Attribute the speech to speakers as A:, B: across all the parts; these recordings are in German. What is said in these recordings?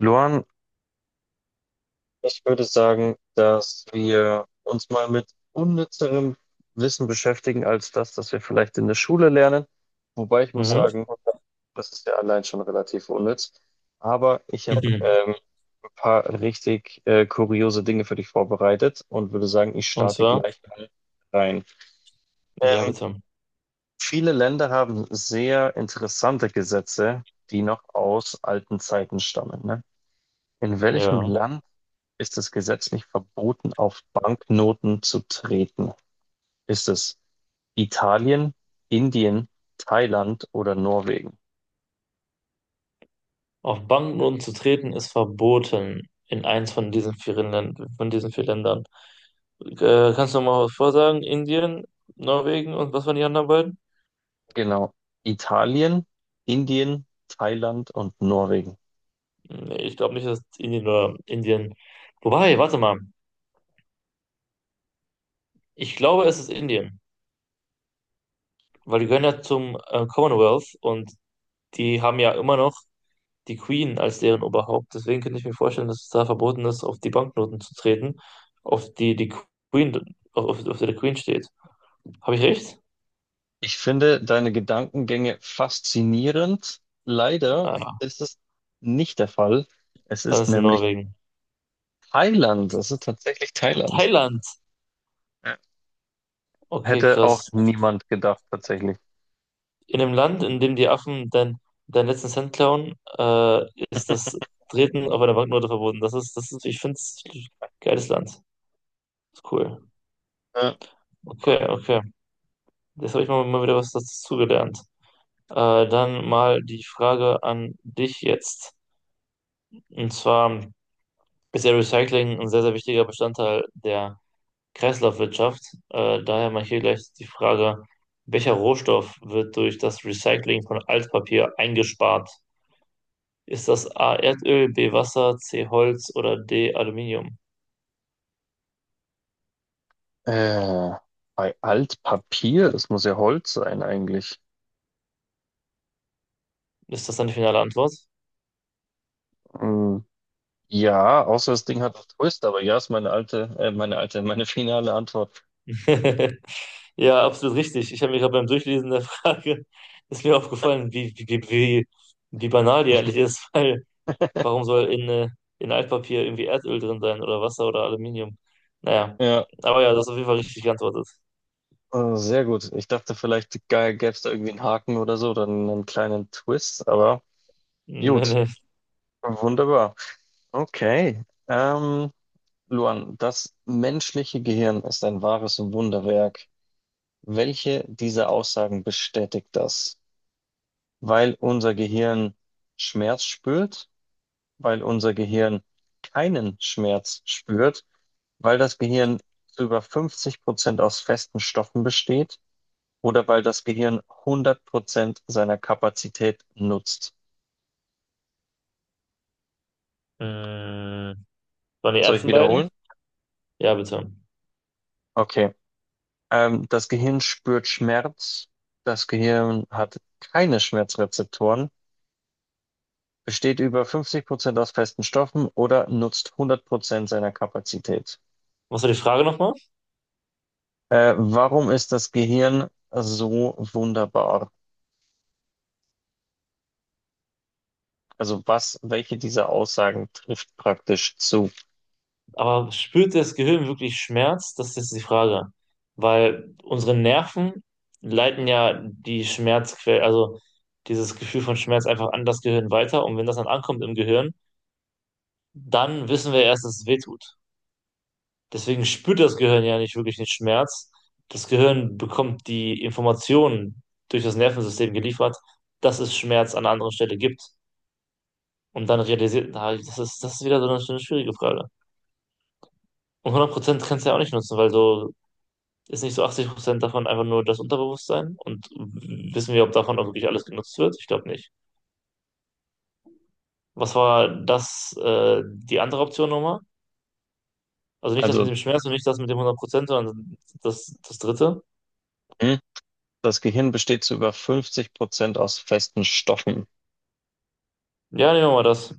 A: Luan, ich würde sagen, dass wir uns mal mit unnützerem Wissen beschäftigen als das, das wir vielleicht in der Schule lernen. Wobei ich muss
B: Mhm.
A: sagen, das ist ja allein schon relativ unnütz. Aber ich habe
B: Mhm.
A: ein paar richtig kuriose Dinge für dich vorbereitet und würde sagen, ich
B: Und
A: starte
B: zwar,
A: gleich mal rein.
B: ja,
A: Ähm,
B: bitte.
A: Viele Länder haben sehr interessante Gesetze, die noch aus alten Zeiten stammen, ne? In welchem
B: Ja.
A: Land ist es gesetzlich verboten, auf Banknoten zu treten? Ist es Italien, Indien, Thailand oder Norwegen?
B: Auf Banken zu treten ist verboten in eins von diesen vier Ländern, von diesen vier Ländern. Kannst du mal was vorsagen? Indien, Norwegen und was waren die anderen beiden?
A: Genau. Italien, Indien, Thailand und Norwegen.
B: Nee, ich glaube nicht, dass es Indien oder Indien. Wobei, warte mal. Ich glaube, es ist Indien, weil die gehören ja zum Commonwealth und die haben ja immer noch die Queen als deren Oberhaupt. Deswegen könnte ich mir vorstellen, dass es da verboten ist, auf die Banknoten zu treten, auf die Queen, auf, auf der die Queen steht. Habe ich recht?
A: Ich finde deine Gedankengänge faszinierend. Leider
B: Ah,
A: ist es nicht der Fall. Es
B: dann
A: ist
B: ist es in
A: nämlich
B: Norwegen.
A: Thailand. Es ist tatsächlich Thailand.
B: Thailand.
A: Ja.
B: Okay,
A: Hätte auch
B: krass.
A: niemand gedacht, tatsächlich.
B: In einem Land, in dem die Affen dein, deinen letzten Cent klauen, ist das Treten auf einer Banknote verboten. Das ist, ich finde es ein geiles Land. Ist cool.
A: Äh,
B: Okay, okay. Jetzt habe ich mal, mal wieder was dazu gelernt. Äh, Dann mal die Frage an dich jetzt. Und zwar, ist ja Recycling ein sehr, sehr wichtiger Bestandteil der Kreislaufwirtschaft. Daher mal hier gleich die Frage, welcher Rohstoff wird durch das Recycling von Altpapier eingespart? Ist das A Erdöl, B Wasser, C Holz oder D Aluminium?
A: Äh, bei Altpapier, das muss ja Holz sein eigentlich.
B: Ist das deine finale Antwort?
A: Hm, ja, außer das Ding hat einen Twist, aber ja, ist meine meine finale Antwort.
B: Ja, absolut richtig. Ich habe mir gerade beim Durchlesen der Frage ist mir aufgefallen, wie, wie banal die eigentlich ist, weil warum soll in Altpapier irgendwie Erdöl drin sein oder Wasser oder Aluminium? Naja,
A: Ja,
B: aber ja, das ist auf jeden Fall richtig geantwortet.
A: sehr gut. Ich dachte vielleicht gäbe es da irgendwie einen Haken oder so oder einen kleinen Twist, aber
B: Nee,
A: gut,
B: nee.
A: wunderbar. Okay. Luan, das menschliche Gehirn ist ein wahres Wunderwerk. Welche dieser Aussagen bestätigt das? Weil unser Gehirn Schmerz spürt, weil unser Gehirn keinen Schmerz spürt, weil das Gehirn zu über 50% aus festen Stoffen besteht oder weil das Gehirn 100% seiner Kapazität nutzt.
B: Hm, waren die
A: Soll ich
B: ersten
A: wiederholen?
B: beiden? Ja, bitte.
A: Okay. Das Gehirn spürt Schmerz. Das Gehirn hat keine Schmerzrezeptoren, besteht über 50% aus festen Stoffen oder nutzt 100% seiner Kapazität.
B: Was war die Frage nochmal?
A: Warum ist das Gehirn so wunderbar? Also was, welche dieser Aussagen trifft praktisch zu?
B: Aber spürt das Gehirn wirklich Schmerz? Das ist jetzt die Frage. Weil unsere Nerven leiten ja die Schmerzquelle, also dieses Gefühl von Schmerz einfach an das Gehirn weiter. Und wenn das dann ankommt im Gehirn, dann wissen wir erst, dass es weh tut. Deswegen spürt das Gehirn ja nicht wirklich den Schmerz. Das Gehirn bekommt die Informationen durch das Nervensystem geliefert, dass es Schmerz an einer anderen Stelle gibt. Und dann realisiert, na, das ist wieder so eine schwierige Frage. Und 100% kannst du ja auch nicht nutzen, weil so ist nicht so 80% davon einfach nur das Unterbewusstsein. Und wissen wir, ob davon auch wirklich alles genutzt wird? Ich glaube nicht. Was war das, die andere Option nochmal? Also nicht das mit
A: Also,
B: dem Schmerz und nicht das mit dem 100%, sondern das, das dritte.
A: hm, das Gehirn besteht zu über 50% aus festen Stoffen.
B: Ja, nehmen wir mal das.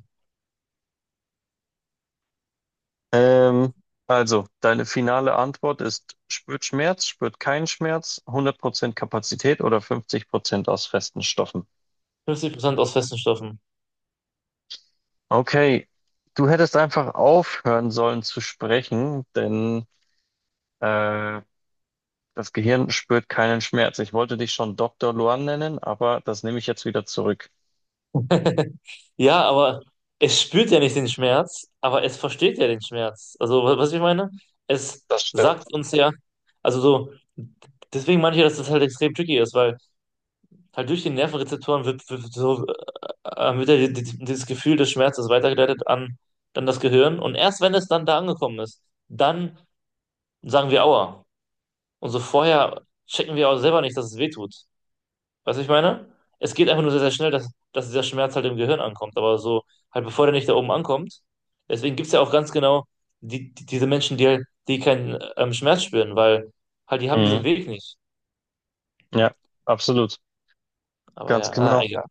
A: Ähm, also, deine finale Antwort ist, spürt Schmerz, spürt keinen Schmerz, 100% Kapazität oder 50% aus festen Stoffen.
B: 50% aus festen Stoffen.
A: Okay, du hättest einfach aufhören sollen zu sprechen, denn äh, das Gehirn spürt keinen Schmerz. Ich wollte dich schon Dr. Luan nennen, aber das nehme ich jetzt wieder zurück.
B: Ja, aber es spürt ja nicht den Schmerz, aber es versteht ja den Schmerz. Also, was ich meine, es
A: Das stimmt.
B: sagt uns ja, also so, deswegen meine ich ja, dass das halt extrem tricky ist, weil halt durch die Nervenrezeptoren so, wird ja dieses Gefühl des Schmerzes weitergeleitet an, an das Gehirn und erst wenn es dann da angekommen ist, dann sagen wir Aua. Und so vorher checken wir auch selber nicht, dass es weh tut. Weißt du, was ich meine? Es geht einfach nur sehr, sehr schnell, dass, dass dieser Schmerz halt im Gehirn ankommt. Aber so, halt bevor der nicht da oben ankommt. Deswegen gibt es ja auch ganz genau diese Menschen, die, die keinen Schmerz spüren, weil halt die haben
A: Mhm.
B: diesen Weg nicht.
A: Ja, absolut.
B: Aber
A: Ganz
B: ja, na,
A: genau.
B: egal.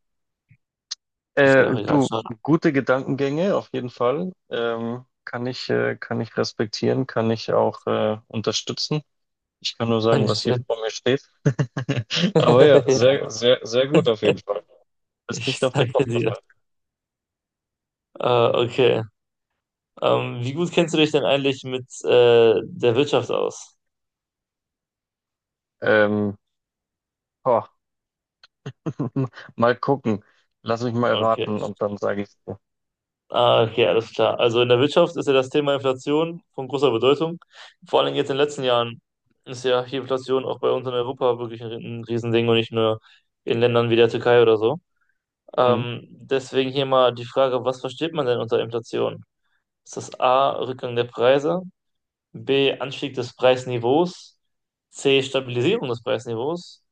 B: Ist ja auch egal.
A: Du,
B: Schade.
A: gute Gedankengänge auf jeden Fall. Kann ich, kann ich respektieren, kann ich auch unterstützen. Ich kann nur sagen, was hier
B: Dankeschön.
A: vor mir steht. Aber ja, sehr, sehr, sehr gut auf jeden Fall.
B: Ja,
A: Ist
B: ich
A: nicht auf den
B: danke
A: Kopf
B: dir.
A: gefallen.
B: Okay. Wie gut kennst du dich denn eigentlich mit der Wirtschaft aus?
A: Ähm, boah, mal gucken. Lass mich mal
B: Okay.
A: raten und dann sage ich dir.
B: Ah, okay, alles klar. Also in der Wirtschaft ist ja das Thema Inflation von großer Bedeutung. Vor allem jetzt in den letzten Jahren ist ja hier Inflation auch bei uns in Europa wirklich ein Riesending und nicht nur in Ländern wie der Türkei oder so.
A: Mhm.
B: Deswegen hier mal die Frage, was versteht man denn unter Inflation? Ist das A, Rückgang der Preise, B, Anstieg des Preisniveaus, C, Stabilisierung des Preisniveaus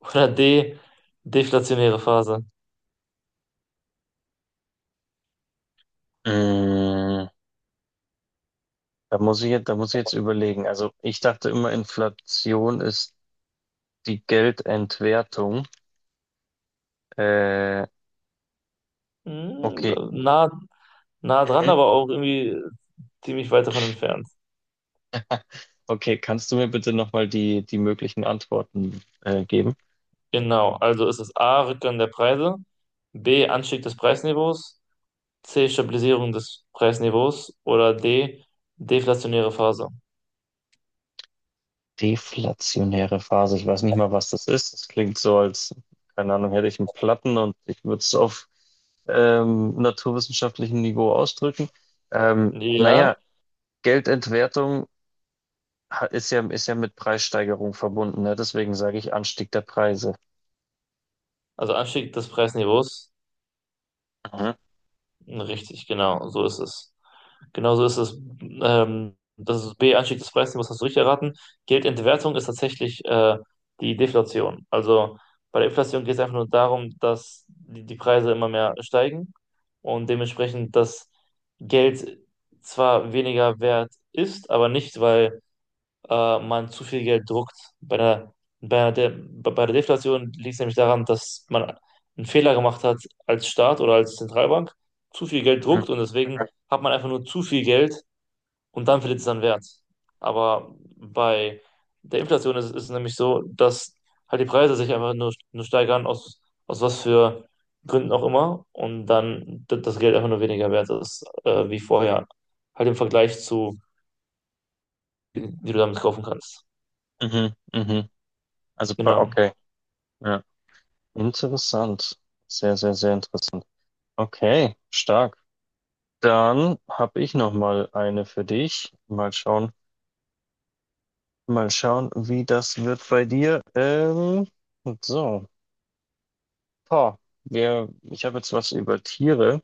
B: oder D, deflationäre Phase?
A: Mm, Da muss ich jetzt überlegen. Also ich dachte immer, Inflation ist die Geldentwertung. Äh,
B: Hm,
A: okay.
B: na, nah dran,
A: Mhm.
B: aber auch irgendwie ziemlich weit davon entfernt.
A: Okay, kannst du mir bitte nochmal die möglichen Antworten geben?
B: Genau, also ist es A, Rückgang der Preise, B, Anstieg des Preisniveaus, C, Stabilisierung des Preisniveaus oder D, deflationäre Phase.
A: Deflationäre Phase. Ich weiß nicht mal, was das ist. Das klingt so, als, keine Ahnung, hätte ich einen Platten und ich würde es auf naturwissenschaftlichem Niveau ausdrücken.
B: Ja,
A: Naja, Geldentwertung ist ja mit Preissteigerung verbunden, ne? Deswegen sage ich Anstieg der Preise.
B: also Anstieg des Preisniveaus.
A: Mhm,
B: Richtig, genau, so ist es. Genau so ist es. Das ist B, Anstieg des Preisniveaus, hast du richtig erraten. Geldentwertung ist tatsächlich die Deflation. Also bei der Inflation geht es einfach nur darum, dass die Preise immer mehr steigen und dementsprechend das Geld zwar weniger wert ist, aber nicht, weil man zu viel Geld druckt. Bei der, bei der De bei der Deflation liegt es nämlich daran, dass man einen Fehler gemacht hat als Staat oder als Zentralbank, zu viel Geld
A: mhm,
B: druckt und deswegen hat man einfach nur zu viel Geld und dann verliert es seinen Wert. Aber bei der Inflation ist, ist es nämlich so, dass halt die Preise sich einfach nur steigern, aus, aus was für Gründen auch immer, und dann das Geld einfach nur weniger wert ist, wie vorher, halt im Vergleich zu, wie du damit kaufen kannst.
A: mhm, mhm.
B: Genau.
A: Okay. Interessant. Sehr, sehr, sehr interessant. Okay, stark. Dann habe ich noch mal eine für dich. Mal schauen, wie das wird bei dir. So, boah, Ich habe jetzt was über Tiere.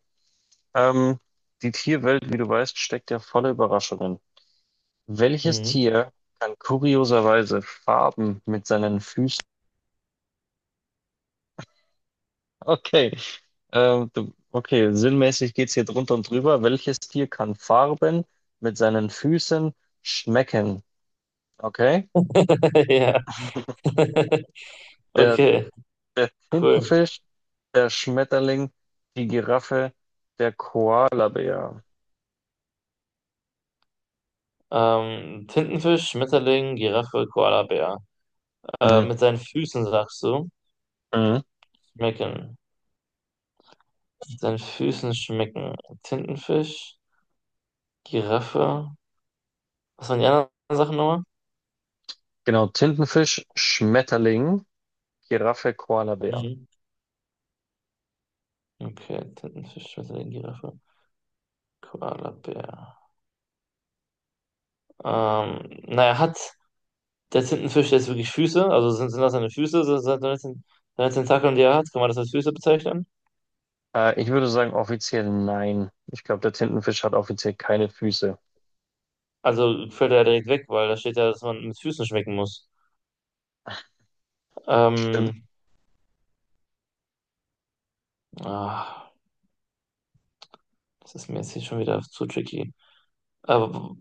A: Ähm, Die Tierwelt, wie du weißt, steckt ja voller Überraschungen. Welches
B: Mhm.
A: Tier kann kurioserweise Farben mit seinen Füßen. Okay. Du, okay, sinnmäßig geht's hier drunter und drüber. Welches Tier kann Farben mit seinen Füßen schmecken? Okay.
B: Ja,
A: Der,
B: okay,
A: der
B: cool.
A: Tintenfisch, der Schmetterling, die Giraffe, der Koalabär.
B: Tintenfisch, Schmetterling, Giraffe, Koalabär.
A: Mhm.
B: Mit seinen Füßen sagst du,
A: Mhm.
B: schmecken. Mit seinen Füßen schmecken. Tintenfisch, Giraffe. Was waren die anderen Sachen nochmal?
A: Genau, Tintenfisch, Schmetterling, Giraffe, Koalabär.
B: Mhm. Okay, Tintenfisch, Schmetterling, Giraffe, Koalabär. Naja, hat der Tintenfisch jetzt wirklich Füße? Also sind das seine Füße? Sind das seine seine Tentakeln, die er hat? Kann man das als Füße bezeichnen?
A: Ich würde sagen offiziell nein. Ich glaube, der Tintenfisch hat offiziell keine Füße.
B: Also fällt er ja direkt weg, weil da steht ja, dass man mit Füßen schmecken muss.
A: Stimmt.
B: Ähm, ah, das ist mir jetzt hier schon wieder zu tricky. Aber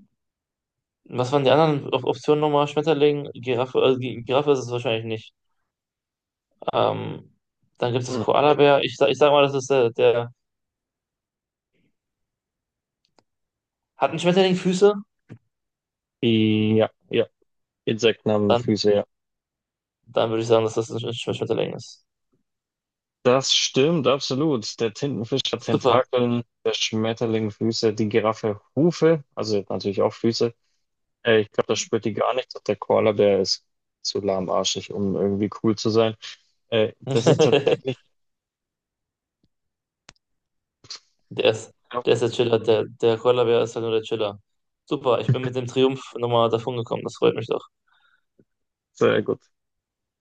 B: was waren die anderen Op Optionen nochmal? Schmetterling, Giraffe, also Giraffe ist es wahrscheinlich nicht. Ähm, Dann gibt es das
A: Mhm.
B: Koalabär. Ich, ich sag mal, das ist der. Hat ein Schmetterling Füße?
A: Ja, ja. Insekten haben
B: Dann,
A: Füße, ja.
B: dann würde ich sagen, dass das ein Schmetterling ist.
A: Das stimmt, absolut. Der Tintenfisch hat
B: Super.
A: Tentakeln, der Schmetterling Füße, die Giraffe Hufe, also natürlich auch Füße. Ich glaube, das spürt die gar nicht. Der Koalabär ist zu lahmarschig, um irgendwie cool zu sein. Das ist tatsächlich,
B: Der ist,
A: ich glaub,
B: der ist der Chiller. Der, der Koalabär ist halt nur der Chiller. Super, ich bin mit dem Triumph nochmal davon gekommen. Das freut mich doch.
A: sehr gut.